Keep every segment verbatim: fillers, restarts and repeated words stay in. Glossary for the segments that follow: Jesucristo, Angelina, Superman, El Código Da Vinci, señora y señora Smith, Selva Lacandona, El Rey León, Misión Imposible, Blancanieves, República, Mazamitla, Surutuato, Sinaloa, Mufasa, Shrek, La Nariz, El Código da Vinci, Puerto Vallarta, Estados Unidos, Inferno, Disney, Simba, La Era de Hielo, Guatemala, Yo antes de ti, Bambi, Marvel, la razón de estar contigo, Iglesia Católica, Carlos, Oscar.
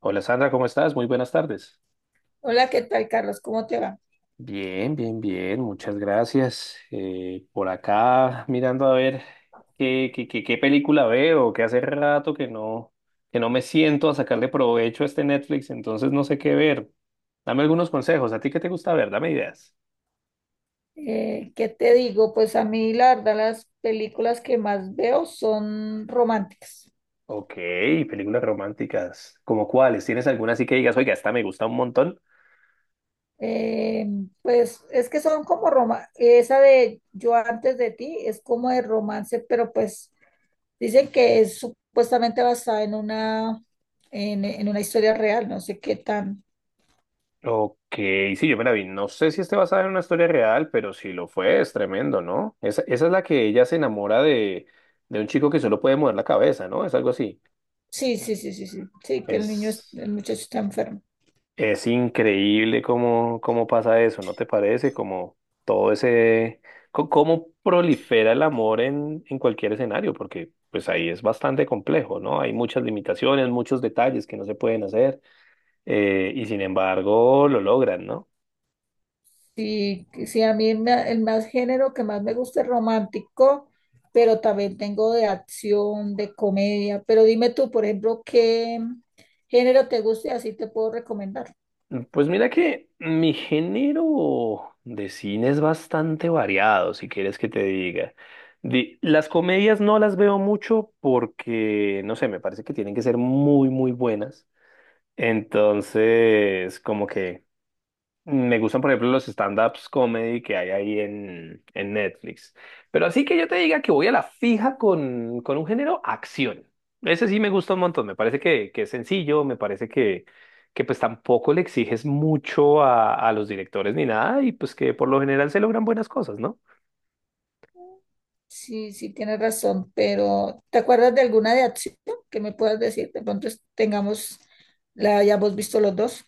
Hola Sandra, ¿cómo estás? Muy buenas tardes. Hola, ¿qué tal, Carlos? ¿Cómo te va? Bien, bien, bien, muchas gracias. Eh, por acá mirando a ver qué, qué, qué, qué película veo, que hace rato que no, que no me siento a sacarle provecho a este Netflix, entonces no sé qué ver. Dame algunos consejos, ¿a ti qué te gusta ver? Dame ideas. Eh, ¿qué te digo? Pues a mí, la verdad, las películas que más veo son románticas. Ok, películas románticas. ¿Como cuáles? ¿Tienes alguna así que digas, oiga, esta me gusta un montón? Eh, pues es que son como roma, esa de Yo antes de ti es como de romance, pero pues dicen que es supuestamente basada en una, en, en una historia real, no sé qué tan. Ok, sí, yo me la vi. No sé si esté basada en una historia real, pero si lo fue, es tremendo, ¿no? Esa, esa es la que ella se enamora de, de un chico que solo puede mover la cabeza, ¿no? Es algo así. Sí, sí, sí, sí, sí, sí, que el niño, es- Es, el muchacho está enfermo. es increíble cómo, cómo pasa eso, ¿no te parece? Como todo ese, co- cómo prolifera el amor en, en cualquier escenario, porque pues ahí es bastante complejo, ¿no? Hay muchas limitaciones, muchos detalles que no se pueden hacer, eh, y sin embargo lo logran, ¿no? Sí, sí, a mí me- el más género que más me gusta es romántico, pero también tengo de acción, de comedia. Pero dime tú, por ejemplo, qué género te gusta y así te puedo recomendar. Pues mira que mi género de cine es bastante variado, si quieres que te diga. Di- las comedias no las veo mucho porque, no sé, me parece que tienen que ser muy, muy buenas. Entonces, como que me gustan, por ejemplo, los stand-ups comedy que hay ahí en, en Netflix. Pero así que yo te diga que voy a la fija con, con un género, acción. Ese sí me gusta un montón. Me parece que, que es sencillo, me parece que, que pues tampoco le exiges mucho a, a los directores ni nada y pues que por lo general se logran buenas cosas, ¿no? Sí, sí, tienes razón, pero ¿te acuerdas de alguna de acción que me puedas decir? De pronto es- tengamos, la hayamos visto los dos.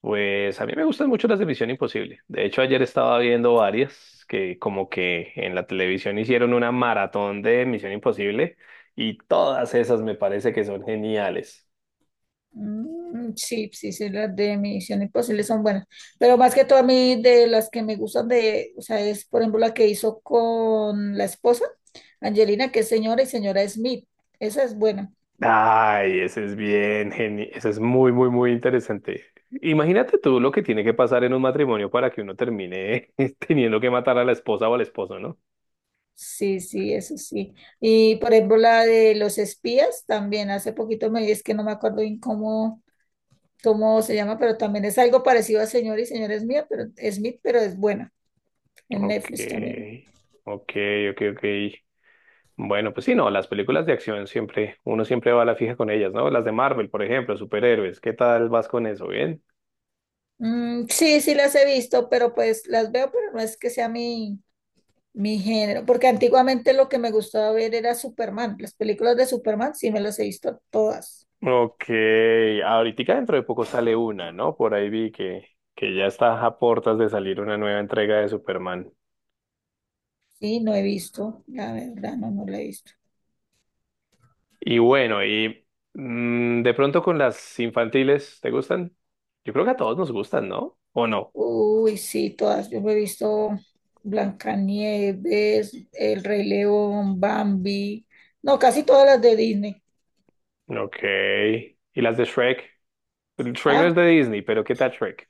Pues a mí me gustan mucho las de Misión Imposible. De hecho, ayer estaba viendo varias que como que en la televisión hicieron una maratón de Misión Imposible y todas esas me parece que son geniales. Mm, sí, sí, sí, las de Misión Imposible son buenas, pero más que todo a mí de las que me gustan de, o sea, es por ejemplo la que hizo con la esposa, Angelina, que es señora y señora Smith, esa es buena, Ay, ese es bien genial, ese es muy, muy, muy interesante. Imagínate tú lo que tiene que pasar en un matrimonio para que uno termine teniendo que matar a la esposa o al esposo, ¿no? sí, sí, eso sí, y por ejemplo la de los espías también, hace poquito me, es que no me acuerdo bien cómo, cómo se llama, pero también es algo parecido a señora y señora Smith, pero, Smith, pero es buena, en Ok, Netflix también. ok, ok, ok. Bueno, pues sí, no, las películas de acción siempre, uno siempre va a la fija con ellas, ¿no? Las de Marvel, por ejemplo, superhéroes, ¿qué tal vas con eso? ¿Bien? Mm, sí, sí las he visto, pero pues las veo, pero no es que sea mi mi género, porque antiguamente lo que me gustaba ver era Superman. Las películas de Superman sí me las he visto todas. Ok, ahorita dentro de poco sale una, ¿no? Por ahí vi que, que ya está a portas de salir una nueva entrega de Superman. Sí, no he visto, la verdad, no, no la he visto. Y bueno, y mm, de pronto con las infantiles, ¿te gustan? Yo creo que a todos nos gustan, ¿no? ¿O no? Uy, sí, todas. Yo me he visto Blancanieves, El Rey León, Bambi. No, casi todas las de Disney. Ok. ¿Y las de Shrek? Shrek no es Ah, de Disney, pero ¿qué tal Shrek?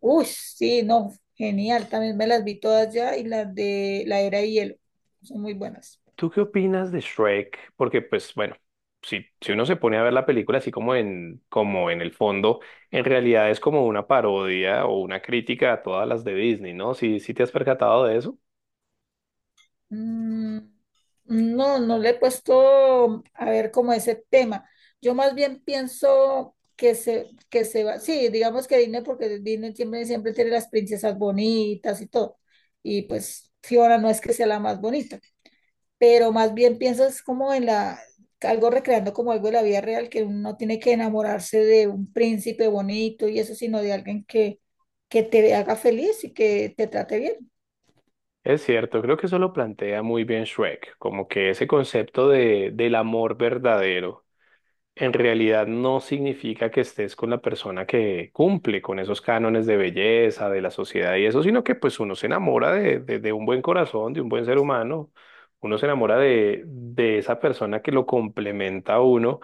uy, sí, no, genial. También me las vi todas ya y las de La Era de Hielo. Son muy buenas. ¿Tú qué opinas de Shrek? Porque, pues, bueno, si, si uno se pone a ver la película así como en, como en el fondo, en realidad es como una parodia o una crítica a todas las de Disney, ¿no? Si, si te has percatado de eso. Mm, No, no le he puesto a ver como ese tema. Yo más bien pienso que se, que se va, sí, digamos que Disney, porque Disney siempre, siempre tiene las princesas bonitas y todo. Y pues Fiona no es que sea la más bonita, pero más bien pienso es como en la, algo recreando como algo de la vida real, que uno no tiene que enamorarse de un príncipe bonito y eso, sino de alguien que, que te haga feliz y que te trate bien. Es cierto, creo que eso lo plantea muy bien Shrek, como que ese concepto de, del amor verdadero en realidad no significa que estés con la persona que cumple con esos cánones de belleza, de la sociedad y eso, sino que pues uno se enamora de, de, de un buen corazón, de un buen ser humano, uno se enamora de, de esa persona que lo complementa a uno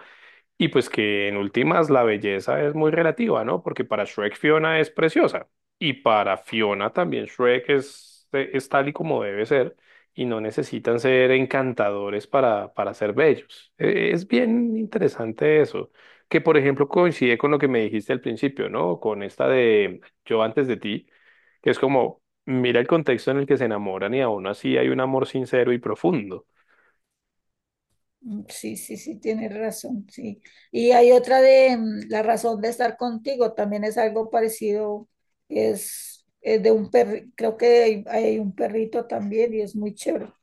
y pues que en últimas la belleza es muy relativa, ¿no? Porque para Shrek Fiona es preciosa y para Fiona también Shrek es, es tal y como debe ser y no necesitan ser encantadores para, para ser bellos. Eh, Es bien interesante eso, que por ejemplo coincide con lo que me dijiste al principio, ¿no? Con esta de Yo antes de ti, que es como, mira el contexto en el que se enamoran y aún así hay un amor sincero y profundo. Mm, sí, sí, sí, tienes razón, sí. Y hay otra de mm, la razón de estar contigo, también es algo parecido, es, es de un perrito, creo que hay, hay un perrito también y es muy chévere.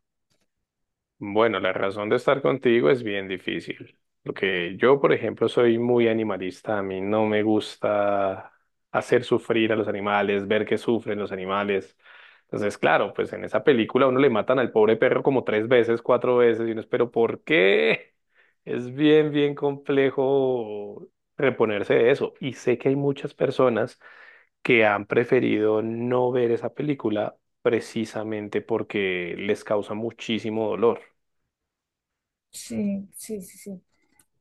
Bueno, la razón de estar contigo es bien difícil, porque yo, por ejemplo, soy muy animalista, a mí no me gusta hacer sufrir a los animales, ver que sufren los animales. Entonces, claro, pues en esa película a uno le matan al pobre perro como tres veces, cuatro veces, y uno es, pero ¿por qué? Es bien, bien complejo reponerse de eso. Y sé que hay muchas personas que han preferido no ver esa película precisamente porque les causa muchísimo dolor. Sí, sí, sí, sí.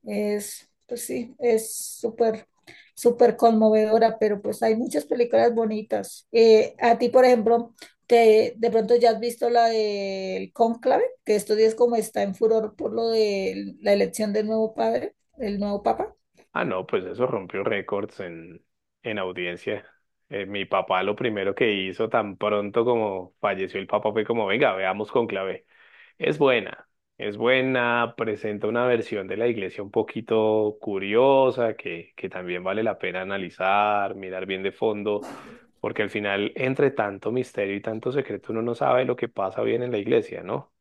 Es, pues sí, es súper, súper conmovedora, pero pues hay muchas películas bonitas. Eh, a ti, por ejemplo, te, de pronto ya has visto la del Cónclave, que estos días como está en furor por lo de la elección del nuevo padre, el nuevo papa. Ah, no, pues eso rompió récords en, en audiencia. Eh, mi papá lo primero que hizo tan pronto como falleció el papá fue como, venga, veamos Cónclave. Es buena, es buena, presenta una versión de la iglesia un poquito curiosa que, que también vale la pena analizar, mirar bien de fondo, porque al final, entre tanto misterio y tanto secreto, uno no sabe lo que pasa bien en la iglesia, ¿no?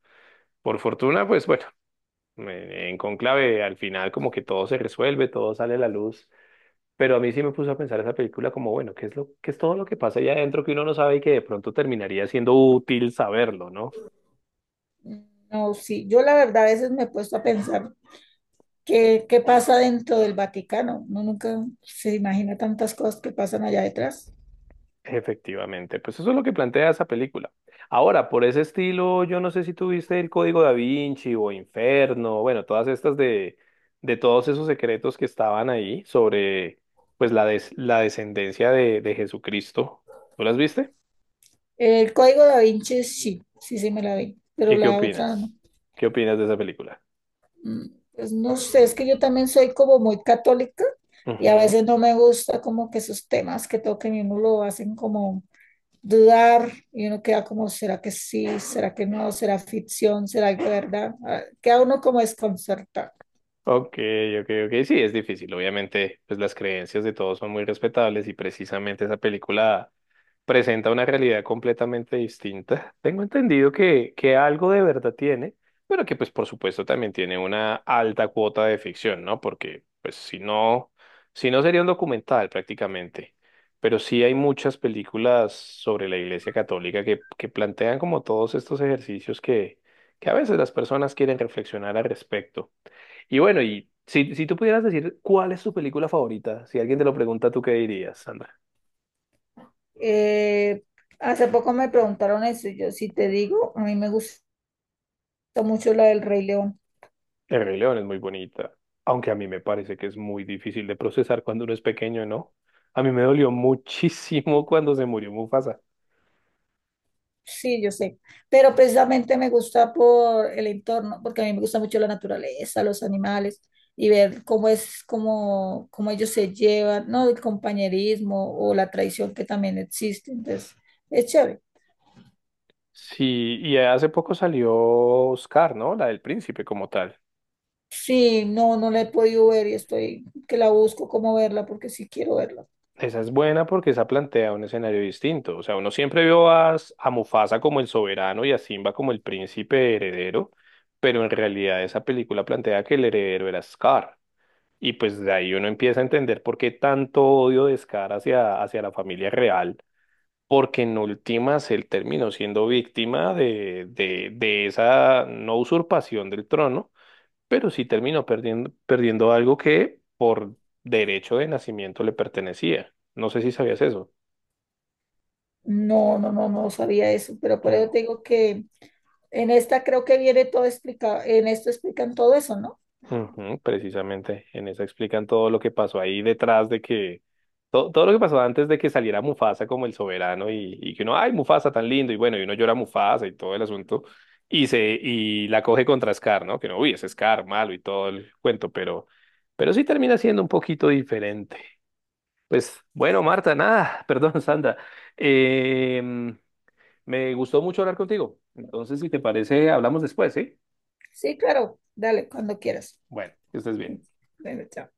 Por fortuna, pues bueno, en en Cónclave al final como que todo se resuelve, todo sale a la luz. Pero a mí sí me puso a pensar esa película como, bueno, ¿qué es lo, qué es todo lo que pasa allá adentro que uno no sabe y que de pronto terminaría siendo útil saberlo, ¿no? No, sí, yo la verdad a veces me he puesto a pensar qué, qué pasa dentro del Vaticano. Uno nunca se imagina tantas cosas que pasan allá detrás. Efectivamente, pues eso es lo que plantea esa película. Ahora, por ese estilo, yo no sé si tuviste El Código Da Vinci o Inferno, bueno, todas estas de, de todos esos secretos que estaban ahí sobre, pues, la, des- la descendencia de, de Jesucristo. ¿Tú las viste? El Código da Vinci sí, sí, sí me la vi, pero ¿Y qué la otra no. opinas? ¿Qué opinas de esa película? Mm, pues no sé, es que yo también soy como muy católica y a Ujú. veces no me gusta como que esos temas que toquen y uno lo hacen como dudar y uno queda como, ¿será que sí? ¿Será que no? ¿Será ficción? ¿Será que verdad? Ah, queda uno como desconcertado. Ok, ok, ok. Sí, es difícil. Obviamente, pues las creencias de todos son muy respetables y precisamente esa película presenta una realidad completamente distinta. Tengo entendido que, que algo de verdad tiene, pero que pues por supuesto también tiene una alta cuota de ficción, ¿no? Porque pues si no, si no sería un documental prácticamente. Pero sí hay muchas películas sobre la Iglesia Católica que, que plantean como todos estos ejercicios que, que a veces las personas quieren reflexionar al respecto. Y bueno, y si, si tú pudieras decir cuál es tu película favorita, si alguien te lo pregunta, ¿tú qué dirías, Sandra? Eh, hace poco me preguntaron eso y yo si te digo, a mí me gusta mucho la del Rey León. El Rey León es muy bonita, aunque a mí me parece que es muy difícil de procesar cuando uno es pequeño, ¿no? A mí me dolió muchísimo cuando se murió Mufasa. Sí, yo sé, pero precisamente me gusta por el entorno, porque a mí me gusta mucho la naturaleza, los animales y ver cómo es, cómo, cómo ellos se llevan, ¿no? El compañerismo o la traición que también existe. Entonces, es chévere. Sí, y hace poco salió Oscar, ¿no? La del príncipe como tal. Sí, no, no la he podido ver y estoy que la busco cómo verla porque sí quiero verla. Esa es buena porque esa plantea un escenario distinto. O sea, uno siempre vio a, a Mufasa como el soberano y a Simba como el príncipe heredero, pero en realidad esa película plantea que el heredero era Scar. Y pues de ahí uno empieza a entender por qué tanto odio, descaro hacia, hacia la familia real, porque en últimas él terminó siendo víctima de, de, de esa no usurpación del trono, pero sí terminó perdiendo, perdiendo algo que por derecho de nacimiento le pertenecía. No sé si sabías eso. No, no, no, no sabía eso, pero por eso Mm. te digo que en esta creo que viene todo explicado, en esto explican todo eso, ¿no? Ujú, precisamente, en esa explican todo lo que pasó ahí detrás de que, todo, todo lo que pasó antes de que saliera Mufasa como el soberano y, y que uno, ay, Mufasa tan lindo, y bueno, y uno llora a Mufasa y todo el asunto, y se, y la coge contra Scar, ¿no? Que no, uy, es Scar malo y todo el cuento, pero, pero sí termina siendo un poquito diferente. Pues bueno, Marta, nada, perdón, Sandra, em, me gustó mucho hablar contigo, entonces si te parece, hablamos después, ¿sí? Sí, claro, dale, cuando quieras. Bueno, que estés bien. Bueno, chao.